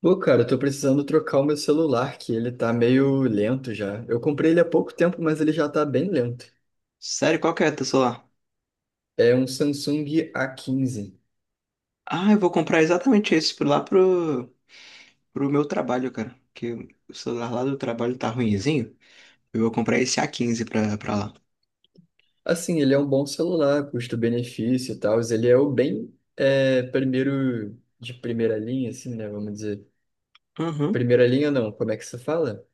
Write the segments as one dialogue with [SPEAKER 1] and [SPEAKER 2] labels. [SPEAKER 1] Pô, cara, eu tô precisando trocar o meu celular, que ele tá meio lento já. Eu comprei ele há pouco tempo, mas ele já tá bem lento.
[SPEAKER 2] Sério, qual que é teu celular?
[SPEAKER 1] É um Samsung A15.
[SPEAKER 2] Ah, eu vou comprar exatamente lá pro meu trabalho, cara. Que o celular lá do trabalho tá ruinzinho. Eu vou comprar esse A15 pra lá.
[SPEAKER 1] Assim, ele é um bom celular, custo-benefício e tal. Ele é o primeiro de primeira linha, assim, né? Vamos dizer.
[SPEAKER 2] Uhum.
[SPEAKER 1] Primeira linha não, como é que se fala?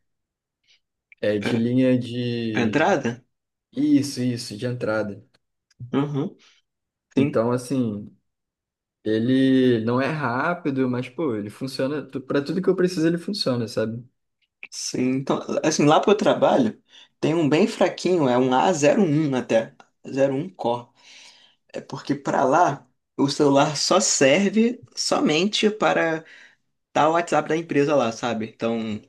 [SPEAKER 1] É
[SPEAKER 2] É,
[SPEAKER 1] de linha
[SPEAKER 2] a
[SPEAKER 1] de.
[SPEAKER 2] entrada?
[SPEAKER 1] Isso, de entrada.
[SPEAKER 2] Uhum. Sim.
[SPEAKER 1] Então, assim, ele não é rápido, mas, pô, ele funciona. Pra tudo que eu preciso, ele funciona, sabe?
[SPEAKER 2] Sim. Então, assim, lá pro trabalho tem um bem fraquinho, é um A01 até. 01 Core. É porque pra lá o celular só serve somente para dar o WhatsApp da empresa lá, sabe? Então.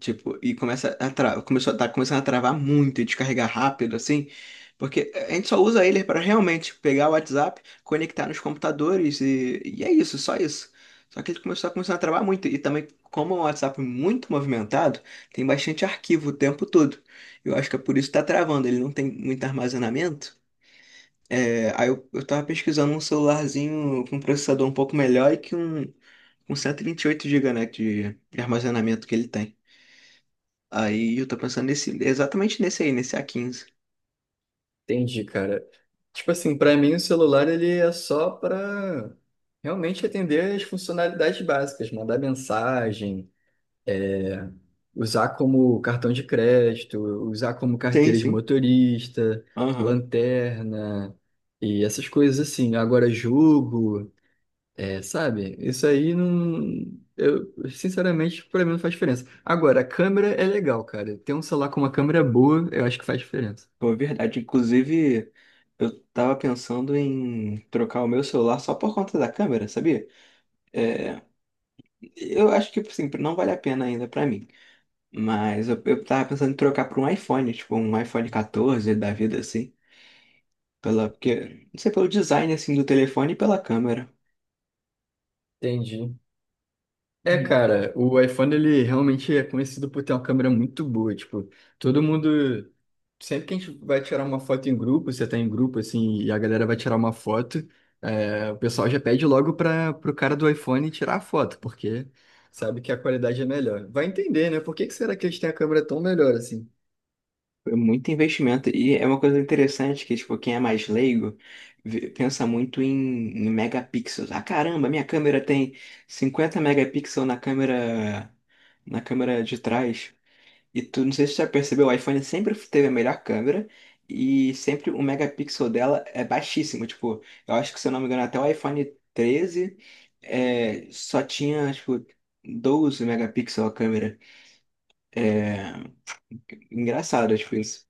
[SPEAKER 2] Tipo, tá começando a travar muito e descarregar rápido, assim, porque a gente só usa ele para realmente pegar o WhatsApp, conectar nos computadores e é isso. Só que ele começou a começar a travar muito e também, como é um WhatsApp muito movimentado, tem bastante arquivo o tempo todo. Eu acho que é por isso que tá travando, ele não tem muito armazenamento. É. Aí eu tava pesquisando um celularzinho com um processador um pouco melhor e que um. Com 128 GB, né, de armazenamento que ele tem. Aí eu tô pensando nesse, exatamente nesse aí, nesse a quinze.
[SPEAKER 1] Entendi, cara. Tipo assim, pra mim o celular ele é só pra realmente atender as funcionalidades básicas, mandar mensagem, usar como cartão de crédito, usar como
[SPEAKER 2] Sim,
[SPEAKER 1] carteira de
[SPEAKER 2] sim.
[SPEAKER 1] motorista,
[SPEAKER 2] Aham.
[SPEAKER 1] lanterna e essas coisas assim. Agora jogo, é, sabe? Isso aí não, eu sinceramente pra mim não faz diferença. Agora a câmera é legal, cara. Ter um celular com uma câmera boa, eu acho que faz diferença.
[SPEAKER 2] Pô, é verdade. Inclusive, eu tava pensando em trocar o meu celular só por conta da câmera, sabia? É, eu acho que, assim, não vale a pena ainda pra mim. Mas eu tava pensando em trocar por um iPhone, tipo um iPhone 14 da vida, assim. Porque, não sei, pelo design, assim, do telefone e pela câmera.
[SPEAKER 1] Entendi. É, cara, o iPhone ele realmente é conhecido por ter uma câmera muito boa. Tipo, todo mundo. Sempre que a gente vai tirar uma foto em grupo, você tá em grupo assim, e a galera vai tirar uma foto, é, o pessoal já pede logo para pro cara do iPhone tirar a foto, porque sabe que a qualidade é melhor. Vai entender, né? Por que que será que eles têm a câmera tão melhor assim?
[SPEAKER 2] É muito investimento. E é uma coisa interessante que, tipo, quem é mais leigo pensa muito em megapixels. Ah, caramba, minha câmera tem 50 megapixels na câmera de trás. E tu, não sei se você já percebeu, o iPhone sempre teve a melhor câmera e sempre o megapixel dela é baixíssimo. Tipo, eu acho que, se eu não me engano, até o iPhone treze é, só tinha, tipo, 12 megapixels a câmera. É engraçado, tipo, isso.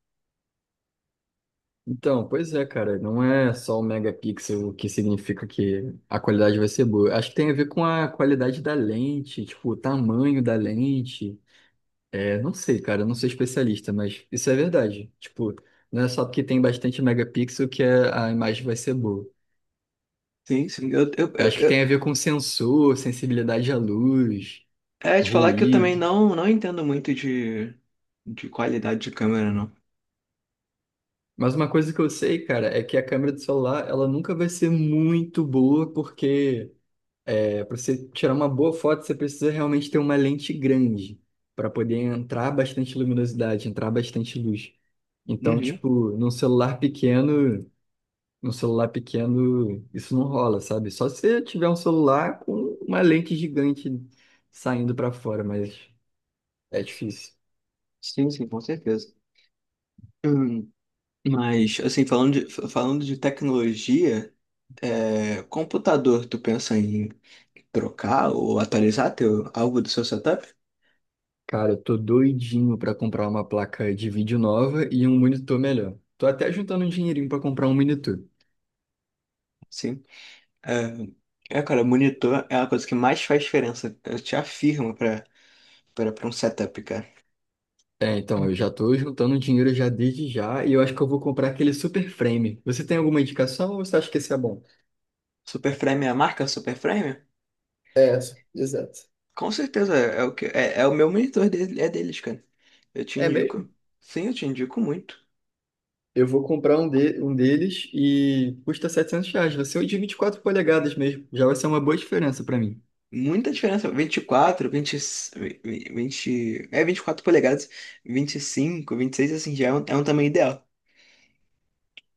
[SPEAKER 1] Então, pois é, cara, não é só o megapixel que significa que a qualidade vai ser boa. Acho que tem a ver com a qualidade da lente, tipo, o tamanho da lente. É, não sei, cara, eu não sou especialista, mas isso é verdade. Tipo, não é só porque tem bastante megapixel que a imagem vai ser boa.
[SPEAKER 2] Sim, sim.
[SPEAKER 1] Eu acho que tem a ver com sensor, sensibilidade à luz,
[SPEAKER 2] É te falar que eu
[SPEAKER 1] ruído.
[SPEAKER 2] também não, não entendo muito de qualidade de câmera, não.
[SPEAKER 1] Mas uma coisa que eu sei, cara, é que a câmera do celular, ela nunca vai ser muito boa, porque é, para você tirar uma boa foto, você precisa realmente ter uma lente grande para poder entrar bastante luminosidade, entrar bastante luz. Então,
[SPEAKER 2] Uhum.
[SPEAKER 1] tipo, num celular pequeno. No celular pequeno, isso não rola, sabe? Só se você tiver um celular com uma lente gigante saindo pra fora, mas é difícil.
[SPEAKER 2] Sim, sim, com certeza. Hum, Mas, assim, falando de tecnologia, é, computador, tu pensa em trocar ou atualizar teu, algo do seu setup?
[SPEAKER 1] Cara, eu tô doidinho pra comprar uma placa de vídeo nova e um monitor melhor. Tô até juntando um dinheirinho pra comprar um monitor.
[SPEAKER 2] Sim. É, é, cara, monitor é a coisa que mais faz diferença. Eu te afirmo pra um setup, cara.
[SPEAKER 1] É, então,
[SPEAKER 2] Hum.
[SPEAKER 1] eu já tô juntando dinheiro já desde já e eu acho que eu vou comprar aquele super frame. Você tem alguma indicação ou você acha que esse é bom?
[SPEAKER 2] Superframe é a marca Superframe?
[SPEAKER 1] É, exato.
[SPEAKER 2] Com certeza, é é o meu monitor dele, é deles, cara. Eu te
[SPEAKER 1] É
[SPEAKER 2] indico.
[SPEAKER 1] mesmo?
[SPEAKER 2] Sim, eu te indico muito.
[SPEAKER 1] Eu vou comprar um deles e custa R$ 700. Vai ser o de 24 polegadas mesmo. Já vai ser uma boa diferença pra mim.
[SPEAKER 2] Muita diferença. Vinte e quatro, 24 polegadas, vinte, vinte e cinco, vinte e seis, assim, já é é um tamanho ideal.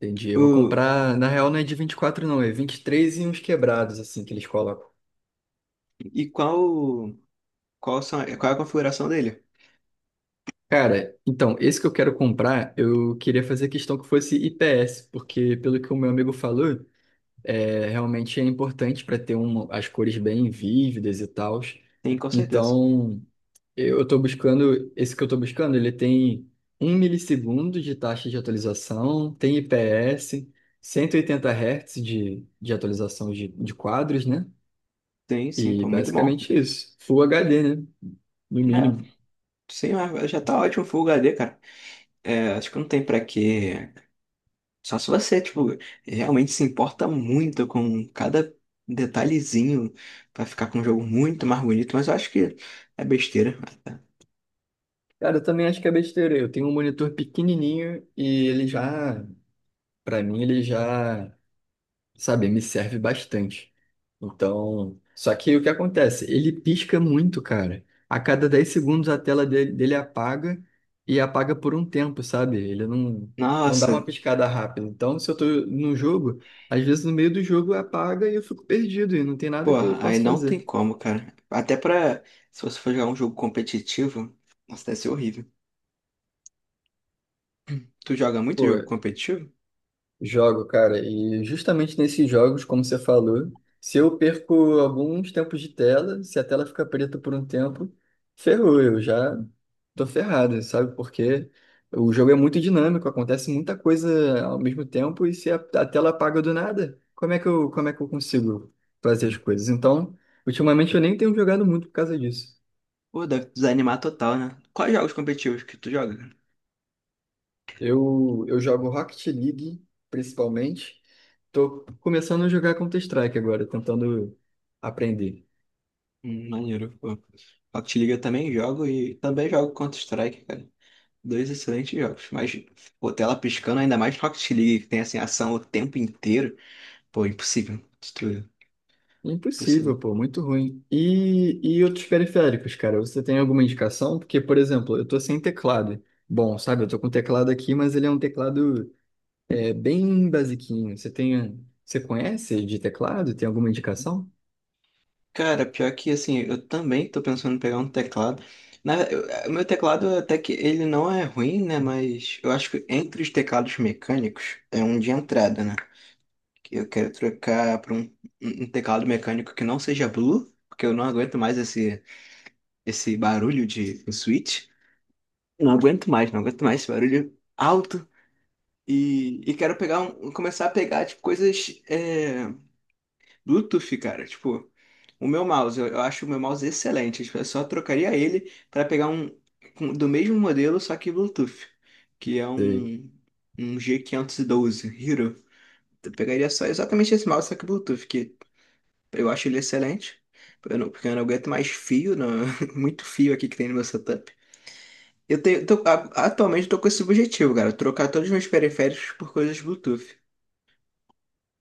[SPEAKER 1] Entendi. Eu vou
[SPEAKER 2] O,
[SPEAKER 1] comprar, na real, não é de 24 não. É vinte e três e uns quebrados, assim, que eles colocam.
[SPEAKER 2] e qual, qual é a configuração dele?
[SPEAKER 1] Cara, então, esse que eu quero comprar, eu queria fazer questão que fosse IPS, porque pelo que o meu amigo falou, é, realmente é importante para ter uma, as cores bem vívidas e tal.
[SPEAKER 2] Tem, com certeza.
[SPEAKER 1] Então. Esse que eu estou buscando, ele tem um milissegundo de taxa de atualização, tem IPS, 180 Hz de atualização de quadros, né?
[SPEAKER 2] Tem, sim,
[SPEAKER 1] E
[SPEAKER 2] pô, muito bom.
[SPEAKER 1] basicamente isso. Full HD, né? No
[SPEAKER 2] É,
[SPEAKER 1] mínimo.
[SPEAKER 2] sim, mas já tá ótimo o Full HD, cara. É, acho que não tem pra quê. Só se você, tipo, realmente se importa muito com cada detalhezinho pra ficar com um jogo muito mais bonito, mas eu acho que é besteira.
[SPEAKER 1] Cara, eu também acho que é besteira. Eu tenho um monitor pequenininho e ele já, para mim, ele já sabe, me serve bastante. Então, só que o que acontece? Ele pisca muito, cara. A cada 10 segundos a tela dele apaga e apaga por um tempo, sabe? Ele não, não dá
[SPEAKER 2] Nossa,
[SPEAKER 1] uma piscada rápida. Então, se eu tô no jogo, às vezes no meio do jogo apaga e eu fico perdido e não tem nada que eu
[SPEAKER 2] porra, aí
[SPEAKER 1] possa
[SPEAKER 2] não tem
[SPEAKER 1] fazer.
[SPEAKER 2] como, cara. Se você for jogar um jogo competitivo, nossa, deve ser horrível. Tu joga muito
[SPEAKER 1] Pô,
[SPEAKER 2] jogo competitivo?
[SPEAKER 1] jogo, cara, e justamente nesses jogos, como você falou, se eu perco alguns tempos de tela, se a tela fica preta por um tempo, ferrou, eu já tô ferrado, sabe? Porque o jogo é muito dinâmico, acontece muita coisa ao mesmo tempo, e se a tela apaga do nada, como é que eu consigo fazer as coisas? Então, ultimamente eu nem tenho jogado muito por causa disso.
[SPEAKER 2] Pô, deve desanimar total, né? Quais jogos competitivos que tu joga, cara?
[SPEAKER 1] Eu jogo Rocket League, principalmente. Tô começando a jogar Counter-Strike agora, tentando aprender.
[SPEAKER 2] Maneiro, pô. Rocket League eu também jogo e também jogo Counter-Strike, cara. Dois excelentes jogos. Mas, pô, tela piscando, ainda mais Rocket League, que tem, assim, ação o tempo inteiro. Pô, impossível. Destruir. Impossível.
[SPEAKER 1] Impossível, pô, muito ruim. E outros periféricos, cara, você tem alguma indicação? Porque, por exemplo, eu tô sem teclado. Bom, sabe, eu tô com o teclado aqui, mas ele é um teclado é, bem basiquinho. Você tem, você conhece de teclado? Tem alguma indicação?
[SPEAKER 2] Cara, pior que assim, eu também tô pensando em pegar um teclado. O meu teclado até que ele não é ruim, né? Mas eu acho que entre os teclados mecânicos é um de entrada, né? Que eu quero trocar um teclado mecânico que não seja Blue, porque eu não aguento mais esse, esse barulho de switch. Não aguento mais, não aguento mais esse barulho alto. E quero pegar um, começar a pegar tipo, coisas. Bluetooth, cara. Tipo, o meu mouse, eu acho o meu mouse excelente. Tipo, eu só trocaria ele para pegar um do mesmo modelo, só que Bluetooth, que é
[SPEAKER 1] Sei.
[SPEAKER 2] um, um G512, Hero. Eu pegaria só exatamente esse mouse, só que Bluetooth, que eu acho ele excelente. Eu não- Porque eu não aguento mais fio, não, muito fio aqui que tem no meu setup. Eu tenho, tô- a- Atualmente eu tô com esse objetivo, cara, trocar todos os meus periféricos por coisas Bluetooth.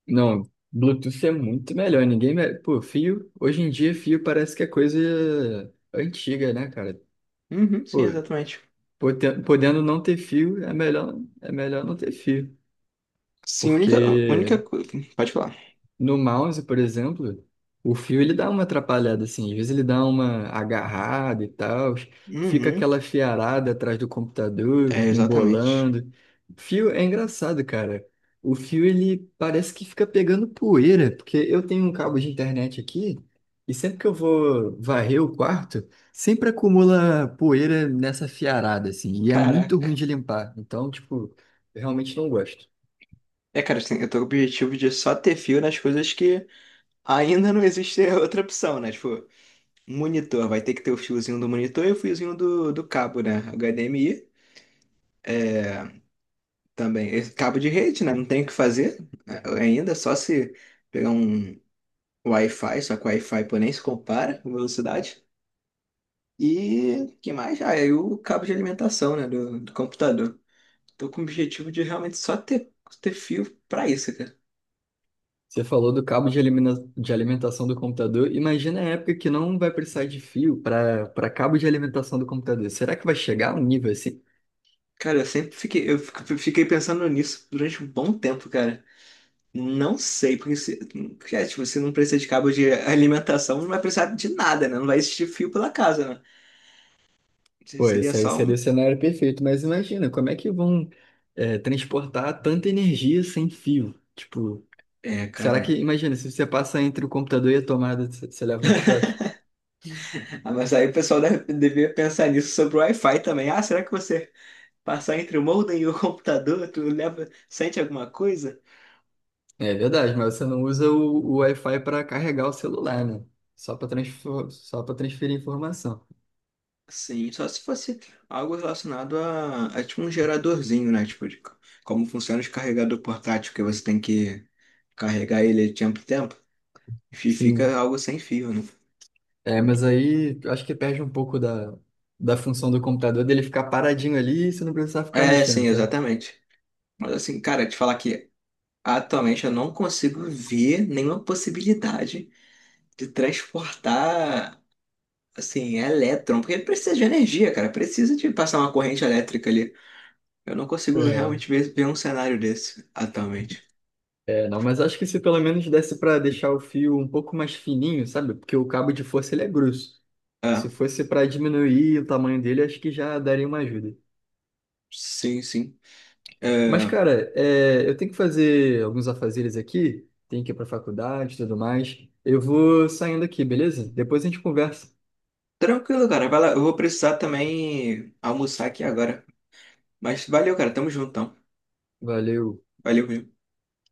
[SPEAKER 1] Não, Bluetooth é muito melhor. Pô, fio. Hoje em dia, fio parece que é coisa antiga, né, cara?
[SPEAKER 2] Uhum, sim,
[SPEAKER 1] Pô,
[SPEAKER 2] exatamente.
[SPEAKER 1] podendo não ter fio, é melhor não ter fio.
[SPEAKER 2] Sim, única
[SPEAKER 1] Porque
[SPEAKER 2] coisa. Pode falar.
[SPEAKER 1] No mouse, por exemplo, o fio ele dá uma atrapalhada assim, às vezes ele dá uma agarrada e tal, fica
[SPEAKER 2] Uhum.
[SPEAKER 1] aquela fiarada atrás do computador,
[SPEAKER 2] É, exatamente.
[SPEAKER 1] embolando. Fio é engraçado, cara. O fio ele parece que fica pegando poeira, porque eu tenho um cabo de internet aqui e sempre que eu vou varrer o quarto, sempre acumula poeira nessa fiarada assim, e é muito ruim
[SPEAKER 2] Caraca.
[SPEAKER 1] de limpar. Então, tipo, eu realmente não gosto.
[SPEAKER 2] É, cara, assim, eu tô com o objetivo de só ter fio nas coisas que ainda não existe outra opção, né? Tipo, monitor, vai ter que ter o fiozinho do monitor e o fiozinho do cabo, né? HDMI também. Esse cabo de rede, né? Não tem o que fazer né? Ainda, é só se pegar um Wi-Fi, só que o Wi-Fi, pô, nem se compara com velocidade. E que mais? Ah, e o cabo de alimentação, né? Do computador. Tô com o objetivo de realmente só ter, ter fio pra isso.
[SPEAKER 1] Você falou do cabo de alimentação do computador. Imagina a época que não vai precisar de fio para para cabo de alimentação do computador. Será que vai chegar a um nível assim?
[SPEAKER 2] Cara, eu fiquei pensando nisso durante um bom tempo, cara. Não sei, porque, é, tipo, se não precisa de cabo de alimentação, não vai precisar de nada, né? Não vai existir fio pela casa, né?
[SPEAKER 1] Pô,
[SPEAKER 2] Seria
[SPEAKER 1] esse aí
[SPEAKER 2] só
[SPEAKER 1] seria o
[SPEAKER 2] um.
[SPEAKER 1] cenário perfeito, mas imagina, como é que vão é, transportar tanta energia sem fio? Tipo,
[SPEAKER 2] É,
[SPEAKER 1] será que,
[SPEAKER 2] cara.
[SPEAKER 1] imagina, se você passa entre o computador e a tomada, você leva um choque?
[SPEAKER 2] Ah, mas aí o pessoal deve, devia pensar nisso sobre o Wi-Fi também. Ah, será que você passar entre o modem e o computador, tu leva, sente alguma coisa?
[SPEAKER 1] É verdade, mas você não usa o Wi-Fi para carregar o celular, né? Só para transferir informação.
[SPEAKER 2] Sim, só se fosse algo relacionado a tipo um geradorzinho, né? Tipo, como funciona os carregador portátil, que você tem que carregar ele de tempo em tempo, e fica
[SPEAKER 1] Sim.
[SPEAKER 2] algo sem fio, né?
[SPEAKER 1] É, mas aí eu acho que perde um pouco da função do computador dele ficar paradinho ali e você não precisar ficar
[SPEAKER 2] É,
[SPEAKER 1] mexendo,
[SPEAKER 2] sim,
[SPEAKER 1] sabe?
[SPEAKER 2] exatamente. Mas assim, cara, te falar que atualmente eu não consigo ver nenhuma possibilidade de transportar, assim, elétron, porque precisa de energia, cara, precisa de passar uma corrente elétrica ali. Eu não consigo
[SPEAKER 1] É.
[SPEAKER 2] realmente ver um cenário desse atualmente.
[SPEAKER 1] É, não, mas acho que se pelo menos desse para deixar o fio um pouco mais fininho, sabe? Porque o cabo de força ele é grosso. Se
[SPEAKER 2] Ah,
[SPEAKER 1] fosse para diminuir o tamanho dele, acho que já daria uma ajuda.
[SPEAKER 2] sim, sim. É,
[SPEAKER 1] Mas, cara, é, eu tenho que fazer alguns afazeres aqui, tenho que ir para faculdade e tudo mais. Eu vou saindo aqui, beleza? Depois a gente conversa.
[SPEAKER 2] tranquilo, cara. Vai lá. Eu vou precisar também almoçar aqui agora. Mas valeu, cara. Tamo juntão.
[SPEAKER 1] Valeu.
[SPEAKER 2] Valeu mesmo.